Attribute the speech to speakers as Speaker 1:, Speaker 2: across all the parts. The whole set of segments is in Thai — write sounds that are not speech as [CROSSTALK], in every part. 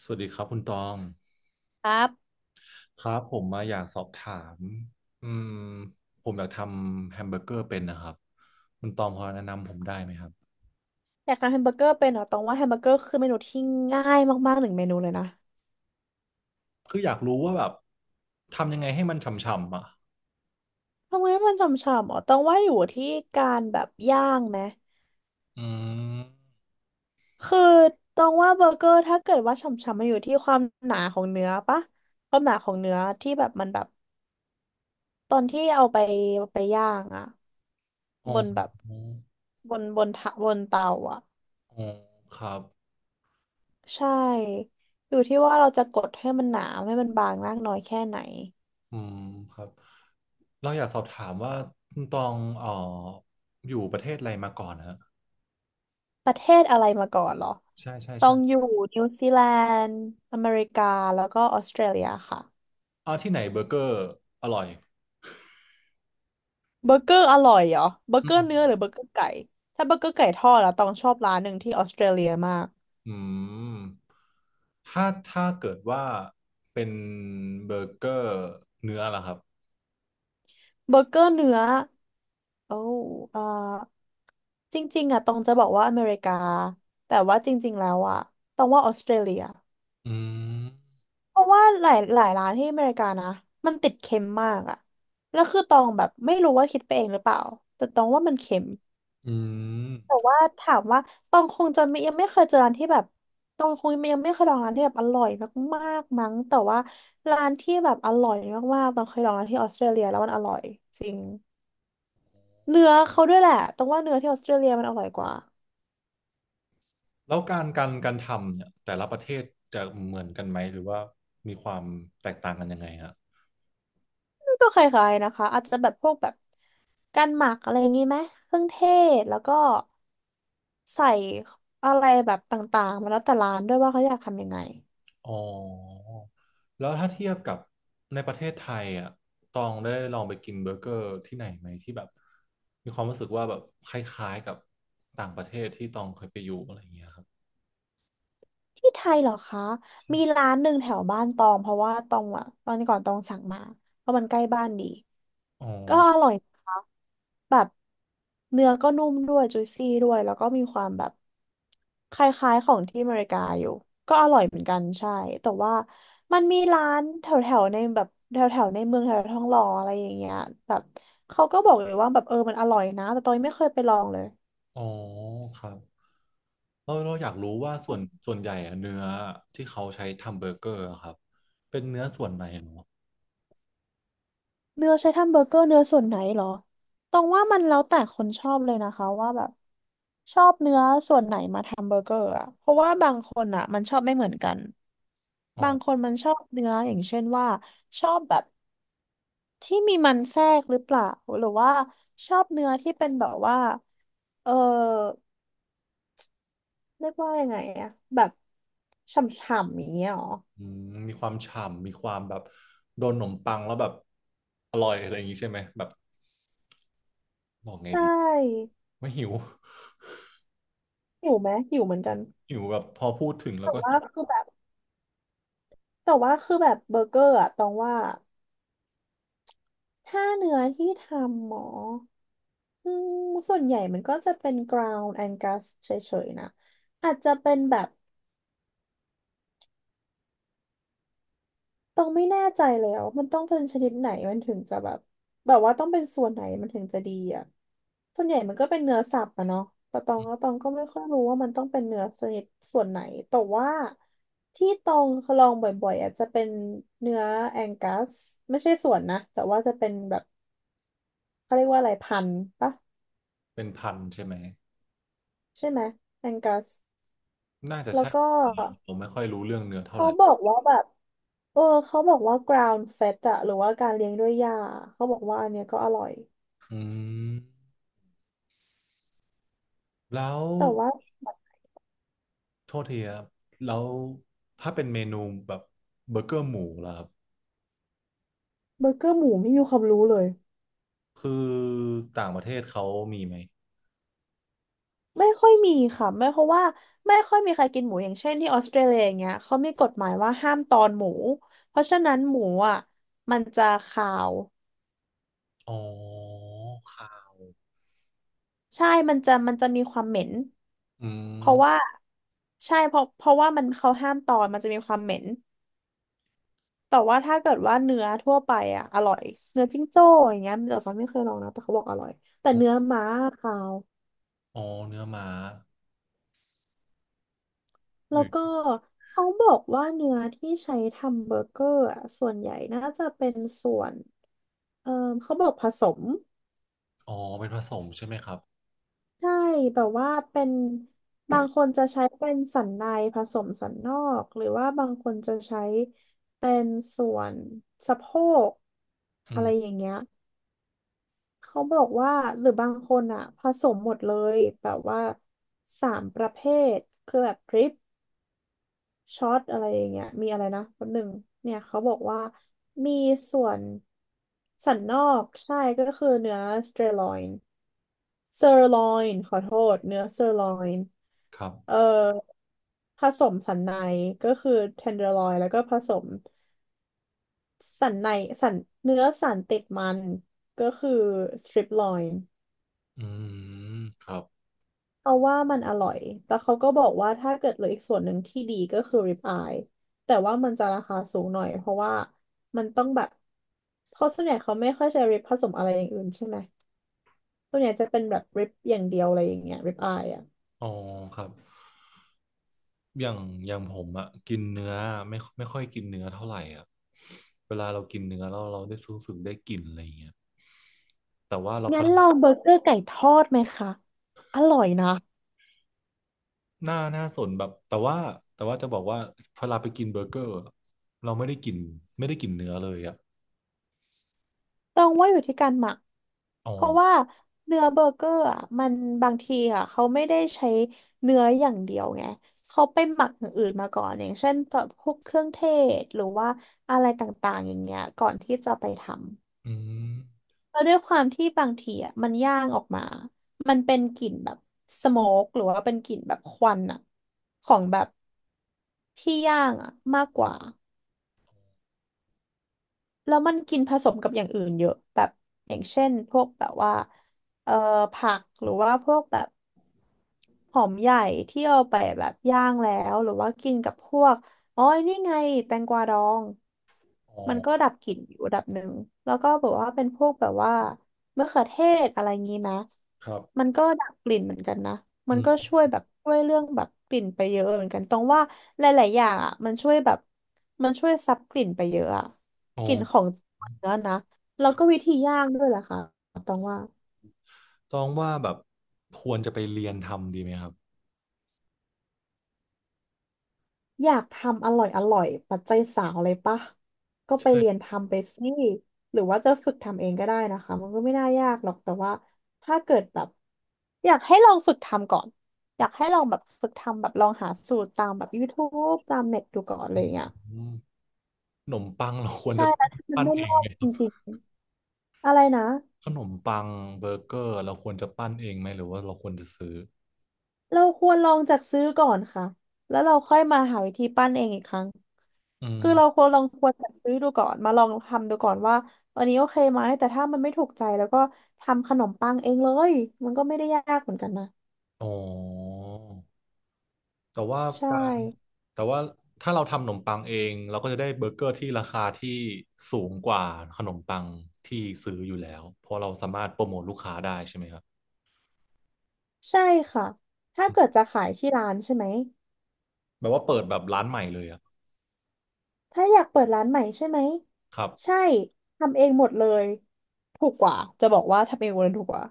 Speaker 1: สวัสดีครับคุณตอง
Speaker 2: ครับ
Speaker 1: ครับผมมาอยากสอบถามอืมผมอยากทำแฮมเบอร์เกอร์เป็นนะครับคุณตองพอแนะนำผมได้ไหมครับ
Speaker 2: อยากทำแฮมเบอร์เกอร์เป็นเหรอต้องว่าแฮมเบอร์เกอร์คือเมนูที่ง่ายมากๆหนึ่งเมนูเลยนะ
Speaker 1: คืออยากรู้ว่าแบบทำยังไงให้มันฉ่ำๆอ่ะ
Speaker 2: ทำไมมันฉ่ำๆอ๋อต้องว่าอยู่ที่การแบบย่างไหม
Speaker 1: อืม
Speaker 2: คือต้องว่าเบอร์เกอร์ถ้าเกิดว่าฉ่ำๆมันอยู่ที่ความหนาของเนื้อปะความหนาของเนื้อที่แบบมันแบบตอนที่เอาไปไปย่างอะ
Speaker 1: อ๋อ
Speaker 2: บนแบบบนทะบนเตาอะ
Speaker 1: อ๋อครับ
Speaker 2: ใช่อยู่ที่ว่าเราจะกดให้มันหนาให้มันบางมากน้อยแค่ไหน
Speaker 1: อืมครับเราอยากสอบถามว่าคุณตองอยู่ประเทศอะไรมาก่อนฮะ
Speaker 2: ประเทศอะไรมาก่อนเหรอ
Speaker 1: ใช่ใช่
Speaker 2: ต้อ
Speaker 1: ใช่
Speaker 2: งอยู่นิวซีแลนด์อเมริกาแล้วก็ออสเตรเลียค่ะ
Speaker 1: อ่าที่ไหนเบอร์เกอร์อร่อย
Speaker 2: เบอร์เกอร์อร่อยเหรอเบอร์
Speaker 1: อื
Speaker 2: เกอ
Speaker 1: ม
Speaker 2: ร์เนื้อหรือเบอร์เกอร์ไก่ถ้าเบอร์เกอร์ไก่ทอดอะต้องชอบร้านหนึ่งที่ออสเตรเลียมาก
Speaker 1: อืมถ้าเกิดว่าเป็นเบอร์เกอร์เนื้อล่ะครับ
Speaker 2: เบอร์เกอร์เนื้อโอ้เอ่อจริงๆอะตองจะบอกว่าอเมริกาแต่ว่าจริงๆแล้วอะตองว่าออสเตรเลีย
Speaker 1: อืม
Speaker 2: เพราะว่าหลายร้านที่อเมริกานะมันติดเค็มมากอะแล้วคือตองแบบไม่รู้ว่าคิดไปเองหรือเปล่า แต่ตองว่ามันเค็ม
Speaker 1: อืม
Speaker 2: แต่ว่าถามว่าตองคงจะไม่ยังไม่เคยเจอร้านที่แบบตองคงยังไม่เคยลองร้านที่แบบอร่อยมากๆมั้งแต่ว่าร้านที่แบบอร่อยมากๆตองเคยลองร้านที่ออสเตรเลียแล้วมันอร่อยจริงเนื้อเขาด้วยแหละตองว่าเนื้อที่ออสเตรเลียมันอร่อยกว่า
Speaker 1: แล้วการทำเนี่ยแต่ละประเทศจะเหมือนกันไหมหรือว่ามีความแตกต่างกันยังไงฮะ
Speaker 2: ก็คล้ายๆนะคะอาจจะแบบพวกแบบการหมักอะไรอย่างงี้ไหมเครื่องเทศแล้วก็ใส่อะไรแบบต่างๆมาแล้วแต่ร้านด้วยว่าเขาอยากทำยังไง
Speaker 1: อ๋อแล้วถ้าเทียบกับในประเทศไทยอ่ะตองได้ลองไปกินเบอร์เกอร์ที่ไหนไหมที่แบบมีความรู้สึกว่าแบบคล้ายๆกับต่างประเทศที่ตองเคยไปอยู่อะไรอย่างเงี้ยครับ
Speaker 2: ที่ไทยเหรอคะมีร้านหนึ่งแถวบ้านตองเพราะว่าตองอะตอนก่อนตองสั่งมาเพราะมันใกล้บ้านดี
Speaker 1: อ๋อ
Speaker 2: ก็อร่อยนะคะแบบเนื้อก็นุ่มด้วยจุยซี่ด้วยแล้วก็มีความแบบคล้ายๆของที่อเมริกาอยู่ก็อร่อยเหมือนกันใช่แต่ว่ามันมีร้านแถวๆในแบบแถวๆในเมืองแถวๆทองหล่ออะไรอย่างเงี้ยแบบเขาก็บอกเลยว่าแบบเออมันอร่อยนะแต่ตองยังไม่เคยไปลองเลย
Speaker 1: อ๋อครับเออเราอยากรู้ว่าส่วนใหญ่อะเนื้อที่เขาใช้ทำเบอร์เกอร์อะครับเป็นเนื้อ
Speaker 2: เนื้อใช้ทำเบอร์เกอร์เนื้อส่วนไหนเหรอตองว่ามันแล้วแต่คนชอบเลยนะคะว่าแบบชอบทำเบอร์เกอร์อะ เพราะว่าบางคนอะมันชอบไม่เหมือนกัน
Speaker 1: อ๋อ
Speaker 2: บางคนมันชอบเนื้ออย่างเช่นว่าชอบแบบที่มีมันแทรกหรือเปล่าหรือว่าชอบเนื้อที่เป็นแบบว่าเออเรียกว่ายังไงอะแบบฉ่ำๆอย่างเงี้ยเหรอ
Speaker 1: อืมมีความฉ่ำมีความแบบโดนขนมปังแล้วแบบอร่อยอะไรอย่างงี้ใช่ไหมแบบบอกไง
Speaker 2: ใช
Speaker 1: ดี
Speaker 2: ่
Speaker 1: ไม่หิว
Speaker 2: หิวไหมหิวเหมือนกัน
Speaker 1: [LAUGHS] หิวแบบพอพูดถึงแล้ว
Speaker 2: แต่
Speaker 1: ก็
Speaker 2: ว่า
Speaker 1: หิว
Speaker 2: คือแบบแต่ว่าคือแบบเบอร์เกอร์อะตองว่า ถ้าเนื้อที่ทำหมออืมส่วนใหญ่มันก็จะเป็น ground Angus เฉยๆนะอาจจะเป็นแบบต้องไม่แน่ใจแล้วมันต้องเป็นชนิดไหนมันถึงจะแบบแบบว่าต้องเป็นส่วนไหนมันถึงจะดีอ่ะส่วนใหญ่มันก็เป็นเนื้อสับอะเนาะแต่ตองก็ไม่ค่อยรู้ว่ามันต้องเป็นเนื้อชนิดส่วนไหนแต่ว่าที่ตองลองบ่อยๆอาจจะเป็นเนื้อแองกัสไม่ใช่ส่วนนะแต่ว่าจะเป็นแบบเขาเรียกว่าอะไรพันธุ์ปะ
Speaker 1: เป็นพันใช่ไหม
Speaker 2: ใช่ไหมแองกัส
Speaker 1: น่าจะ
Speaker 2: แล้ว
Speaker 1: ใช่
Speaker 2: ก็
Speaker 1: ผมไม่ค่อยรู้เรื่องเนื้อเท่าไห
Speaker 2: เขา
Speaker 1: ร่
Speaker 2: บอกว่าแบบเออเขาบอกว่า ground fed อะหรือว่าการเลี้ยงด้วยหญ้าเขาบอกว่าอันเนี้ยก็อร่อย
Speaker 1: อืมแล้ว
Speaker 2: แต่ว่า
Speaker 1: โทษทีครับแล้วถ้าเป็นเมนูแบบเบอร์เกอร์หมูล่ะครับ
Speaker 2: เบอร์เกอร์หมูไม่มีความรู้เลย
Speaker 1: คือต่างประเทศเขามีไหม
Speaker 2: ไม่ค่อยมีค่ะไม่เพราะว่าไม่ค่อยมีใครกินหมูอย่างเช่นที่ออสเตรเลียอย่างเงี้ยเขามีกฎหมายว่าห้ามตอนหมูเพราะฉะนั้นหมูอ่ะมันจะคาว
Speaker 1: อ๋อค่ะ
Speaker 2: ใช่มันจะมีความเหม็น
Speaker 1: อื
Speaker 2: เพราะว่า
Speaker 1: ม
Speaker 2: ใช่เพราะว่ามันเขาห้ามตอนมันจะมีความเหม็น แต่ว่าถ้าเกิดว่าเนื้อทั่วไปอ่ะอร่อยเนื้อจิ้งโจ้อย่างเงี้ยแต่ฟ้าไม่เคยลองนะแต่เขาบอกอร่อยแต่เนื้อม้าขาว
Speaker 1: อ๋อเนื้อม้า
Speaker 2: แล้วก็
Speaker 1: หือ
Speaker 2: เขาบอกว่าเนื้อที่ใช้ทำเบอร์เกอร์อ่ะส่วนใหญ่น่าจะเป็นส่วนเออเขาบอกผสม
Speaker 1: อ๋อเป็นผสมใช่ไหมครับ
Speaker 2: ใช่แบบว่าเป็นบางคนจะใช้เป็นสันในผสมสันนอกหรือว่าบางคนจะใช้เป็นส่วนสะโพก
Speaker 1: อื
Speaker 2: อะไรอ
Speaker 1: ม
Speaker 2: ย่างเงี้ย เขาบอกว่าหรือบางคนอ่ะผสมหมดเลยแบบว่าสามประเภทคือแบบดริปช็อตอะไรอย่างเงี้ยมีอะไรนะแป๊บหนึ่งเนี่ยเขาบอกว่ามีส่วนสันนอกใช่ก็คือเนื้อสเตอร์ลอยน์เซอร์ลอยน์ขอโทษเนื้อเซอร์ลอยน์
Speaker 1: ครับ
Speaker 2: เอ่อผสมสันในก็คือเทนเดอร์ลอยน์แล้วก็ผสมสันในสันเนื้อสันติดมันก็คือสตริปลอยน์
Speaker 1: อืมครับ
Speaker 2: เอาว่ามันอร่อย แต่เขาก็บอกว่าถ้าเกิดเหลืออีกส่วนหนึ่งที่ดีก็คือริบอาย แต่ว่ามันจะราคาสูงหน่อยเพราะว่ามันต้องแบบเพราะส่วนใหญ่เขาไม่ค่อยใช้ริบผสมอะไรอย่างอื่นใช่ไหมส่วนใหญ่จะเป็นแบบริบอย่างเดียวอะไรอย่างเงี้ยริบอายอ่ะ
Speaker 1: อ๋อครับอย่างอย่างผมอะกินเนื้อไม่ค่อยกินเนื้อเท่าไหร่อะเวลาเรากินเนื้อเราได้รู้สึกได้กลิ่นอะไรอย่างเงี้ยแต่ว่าเราพ
Speaker 2: งั้
Speaker 1: อ
Speaker 2: นลองเบอร์เกอร์ไก่ทอดไหมคะ อร่อยนะ
Speaker 1: หน้าหน้าสนแบบแต่ว่าแต่ว่าจะบอกว่าพอเราไปกินเบอร์เกอร์อะเราไม่ได้กินเนื้อเลยอะ
Speaker 2: ต้องว่าอยู่ที่การหมัก
Speaker 1: อ๋อ
Speaker 2: เพราะว่าเนื้อเบอร์เกอร์อ่ะมันบางทีอ่ะเขาไม่ได้ใช้เนื้ออย่างเดียวไงเขาไปหมักอย่างอื่นมาก่อนอย่างเช่นแบบพวกเครื่องเทศหรือว่าอะไรต่างๆอย่างเงี้ยก่อนที่จะไปทำ
Speaker 1: อืม
Speaker 2: แล้วด้วยความที่บางทีอ่ะมันย่างออกมามันเป็นกลิ่นแบบสโมกหรือว่าเป็นกลิ่นแบบควันอ่ะของแบบที่ย่างอ่ะมากกว่าแล้วมันกินผสมกับอย่างอื่นเยอะแบบอย่างเช่นพวกแบบว่าเอ่อผักหรือว่าพวกแบบ หอมใหญ่ที่เอาไปแบบย่างแล้วหรือว่ากินกับพวกอ๋อนี่ไงแตงกวาดอง
Speaker 1: อ๋อ
Speaker 2: มันก็ดับกลิ่นอยู่ระดับหนึ่งแล้วก็แบบว่าเป็นพวกแบบว่ามะเขือเทศอะไรงี้นะ
Speaker 1: ครับ
Speaker 2: มันก็ดับกลิ่นเหมือนกันนะมั
Speaker 1: อื
Speaker 2: นก็
Speaker 1: ม
Speaker 2: ช่วยเรื่องแบบกลิ่นไปเยอะเหมือนกันตรงว่าหลายๆอย่างอ่ะมันช่วยซับกลิ่นไปเยอะอ่ะ
Speaker 1: อ๋อ
Speaker 2: กลิ่นของเนื้อนะแล้วก็วิธีย่างด้วยล่ะค่ะตรงว่า
Speaker 1: ต้องว่าแบบควรจะไปเรียนทำดีไหมครับ
Speaker 2: อยากทำอร่อยอร่อยปัจจัยสาวเลยปะก็ไปเรียนทำไปสิหรือว่าจะฝึกทำเองก็ได้นะคะมันก็ไม่น่ายากหรอกแต่ว่าถ้าเกิดแบบอยากให้ลองฝึกทำก่อนอยากให้ลองแบบฝึกทำแบบลองหาสูตรตามแบบ YouTube ตามเน็ตดูก่อนอะไร
Speaker 1: อื
Speaker 2: อย่างเงี้
Speaker 1: ม
Speaker 2: ย
Speaker 1: ขนมปังเราควร
Speaker 2: ใช่
Speaker 1: จะ
Speaker 2: แล้วถ้ามัน
Speaker 1: ปั้น
Speaker 2: ไม่
Speaker 1: เอ
Speaker 2: ร
Speaker 1: ง
Speaker 2: อ
Speaker 1: ไหม
Speaker 2: ด
Speaker 1: ค
Speaker 2: จ
Speaker 1: รับ
Speaker 2: ริงๆอะไรนะ
Speaker 1: ขนมปังเบอร์เกอร์เราควรจะปั้นเองไหมหรือว่าเราควรจะซื้อ
Speaker 2: เราควรลองจัดซื้อก่อนค่ะแล้วเราค่อยมาหาวิธีปั้นเองอีกครั้ง
Speaker 1: อื
Speaker 2: คือเราค
Speaker 1: ม
Speaker 2: วรลองควรจัดซื้อดูก่อน มาลองทำดูก่อนว่าอันนี้โอเคไหม แต่ถ้ามันไม่ถูกใจแล้วก็ทำขนมปังเองเลย มันก็ไม่ได้ยากเหมือนกันนะ
Speaker 1: อ๋อแต่ว่า
Speaker 2: ใช่
Speaker 1: การแต่ว่าถ้าเราทำขนมปังเองเราก็จะได้เบอร์เกอร์ที่ราคาที่สูงกว่าขนมปังที่ซื้ออยู่แล้วเพราะเราสามารถโปรโมทลูกค้าได้ใช่ไหมครับ
Speaker 2: ใช่ค่ะถ้า
Speaker 1: อืม
Speaker 2: เกิดจะขายที่ร้านใช่ไหม
Speaker 1: แบบว่าเปิดแบบร้านใหม่เลยอะ
Speaker 2: ถ้าอยากเปิดร้านใหม่ใช่ไหม
Speaker 1: ครับ
Speaker 2: ใช่ทำเองหมดเลย ถูกกว่า จะบอกว่าทำเองหมดเลยถูกกว่า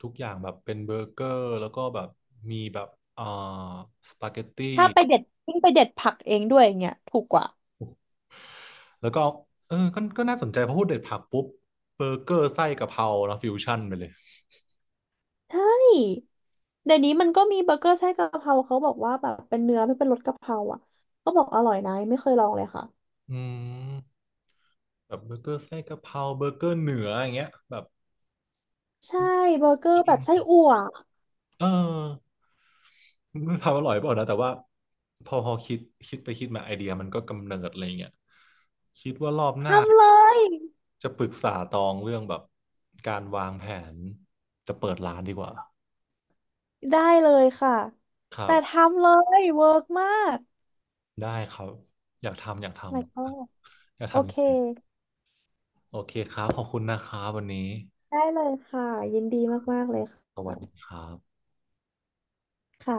Speaker 1: ทุกอย่างแบบเป็นเบอร์เกอร์แล้วก็แบบมีแบบเอ่อสปาเกตตี้
Speaker 2: ถ้าไปเด็ดยิ่งไปเด็ดผักเองด้วยอย่างเงี้ยถูกกว่า
Speaker 1: แล้วก็เออก็ก็น่าสนใจเพอพูดเด็ดผักปุ๊บเบอร์เกอร์ไส้กะเพรานะฟิวชั่นไปเลย
Speaker 2: ใช่เดี๋ยวนี้มันก็มีเบอร์เกอร์ไส้กะเพราเขาบอกว่าแบบเป็นเนื้อไม่เป็นรสกะเพราอ่ะก็บอกอร่อยนะยังไม่เคยลองเลยค่ะ
Speaker 1: อืมแบบเบอร์เกอร์ไส้กะเพราเบอร์เกอร์เหนืออย่างเงี้ยแบบ
Speaker 2: ใช่เบอร์เกอร์แบบไส้อั่ว
Speaker 1: เออไมันทำอร่อยเปล่านะแต่ว่าพอคิดคิดไปคิดมาไอเดียมันก็กำเนิดอะไรเงี้ยคิดว่ารอบหน้า
Speaker 2: ทำเลย
Speaker 1: จะปรึกษาตองเรื่องแบบการวางแผนจะเปิดร้านดีกว่า
Speaker 2: ได้เลยค่ะ
Speaker 1: ครั
Speaker 2: แต่
Speaker 1: บ
Speaker 2: ทำเลยเวิร์กมาก
Speaker 1: ได้ครับอยากทำอยากท
Speaker 2: my god
Speaker 1: ำอยาก
Speaker 2: โอเค
Speaker 1: ทำจริงๆโอเคครับขอบคุณนะครับวันนี้
Speaker 2: ได้เลยค่ะยินดีมากๆเลยค
Speaker 1: สวัสดีครับ
Speaker 2: ่ะ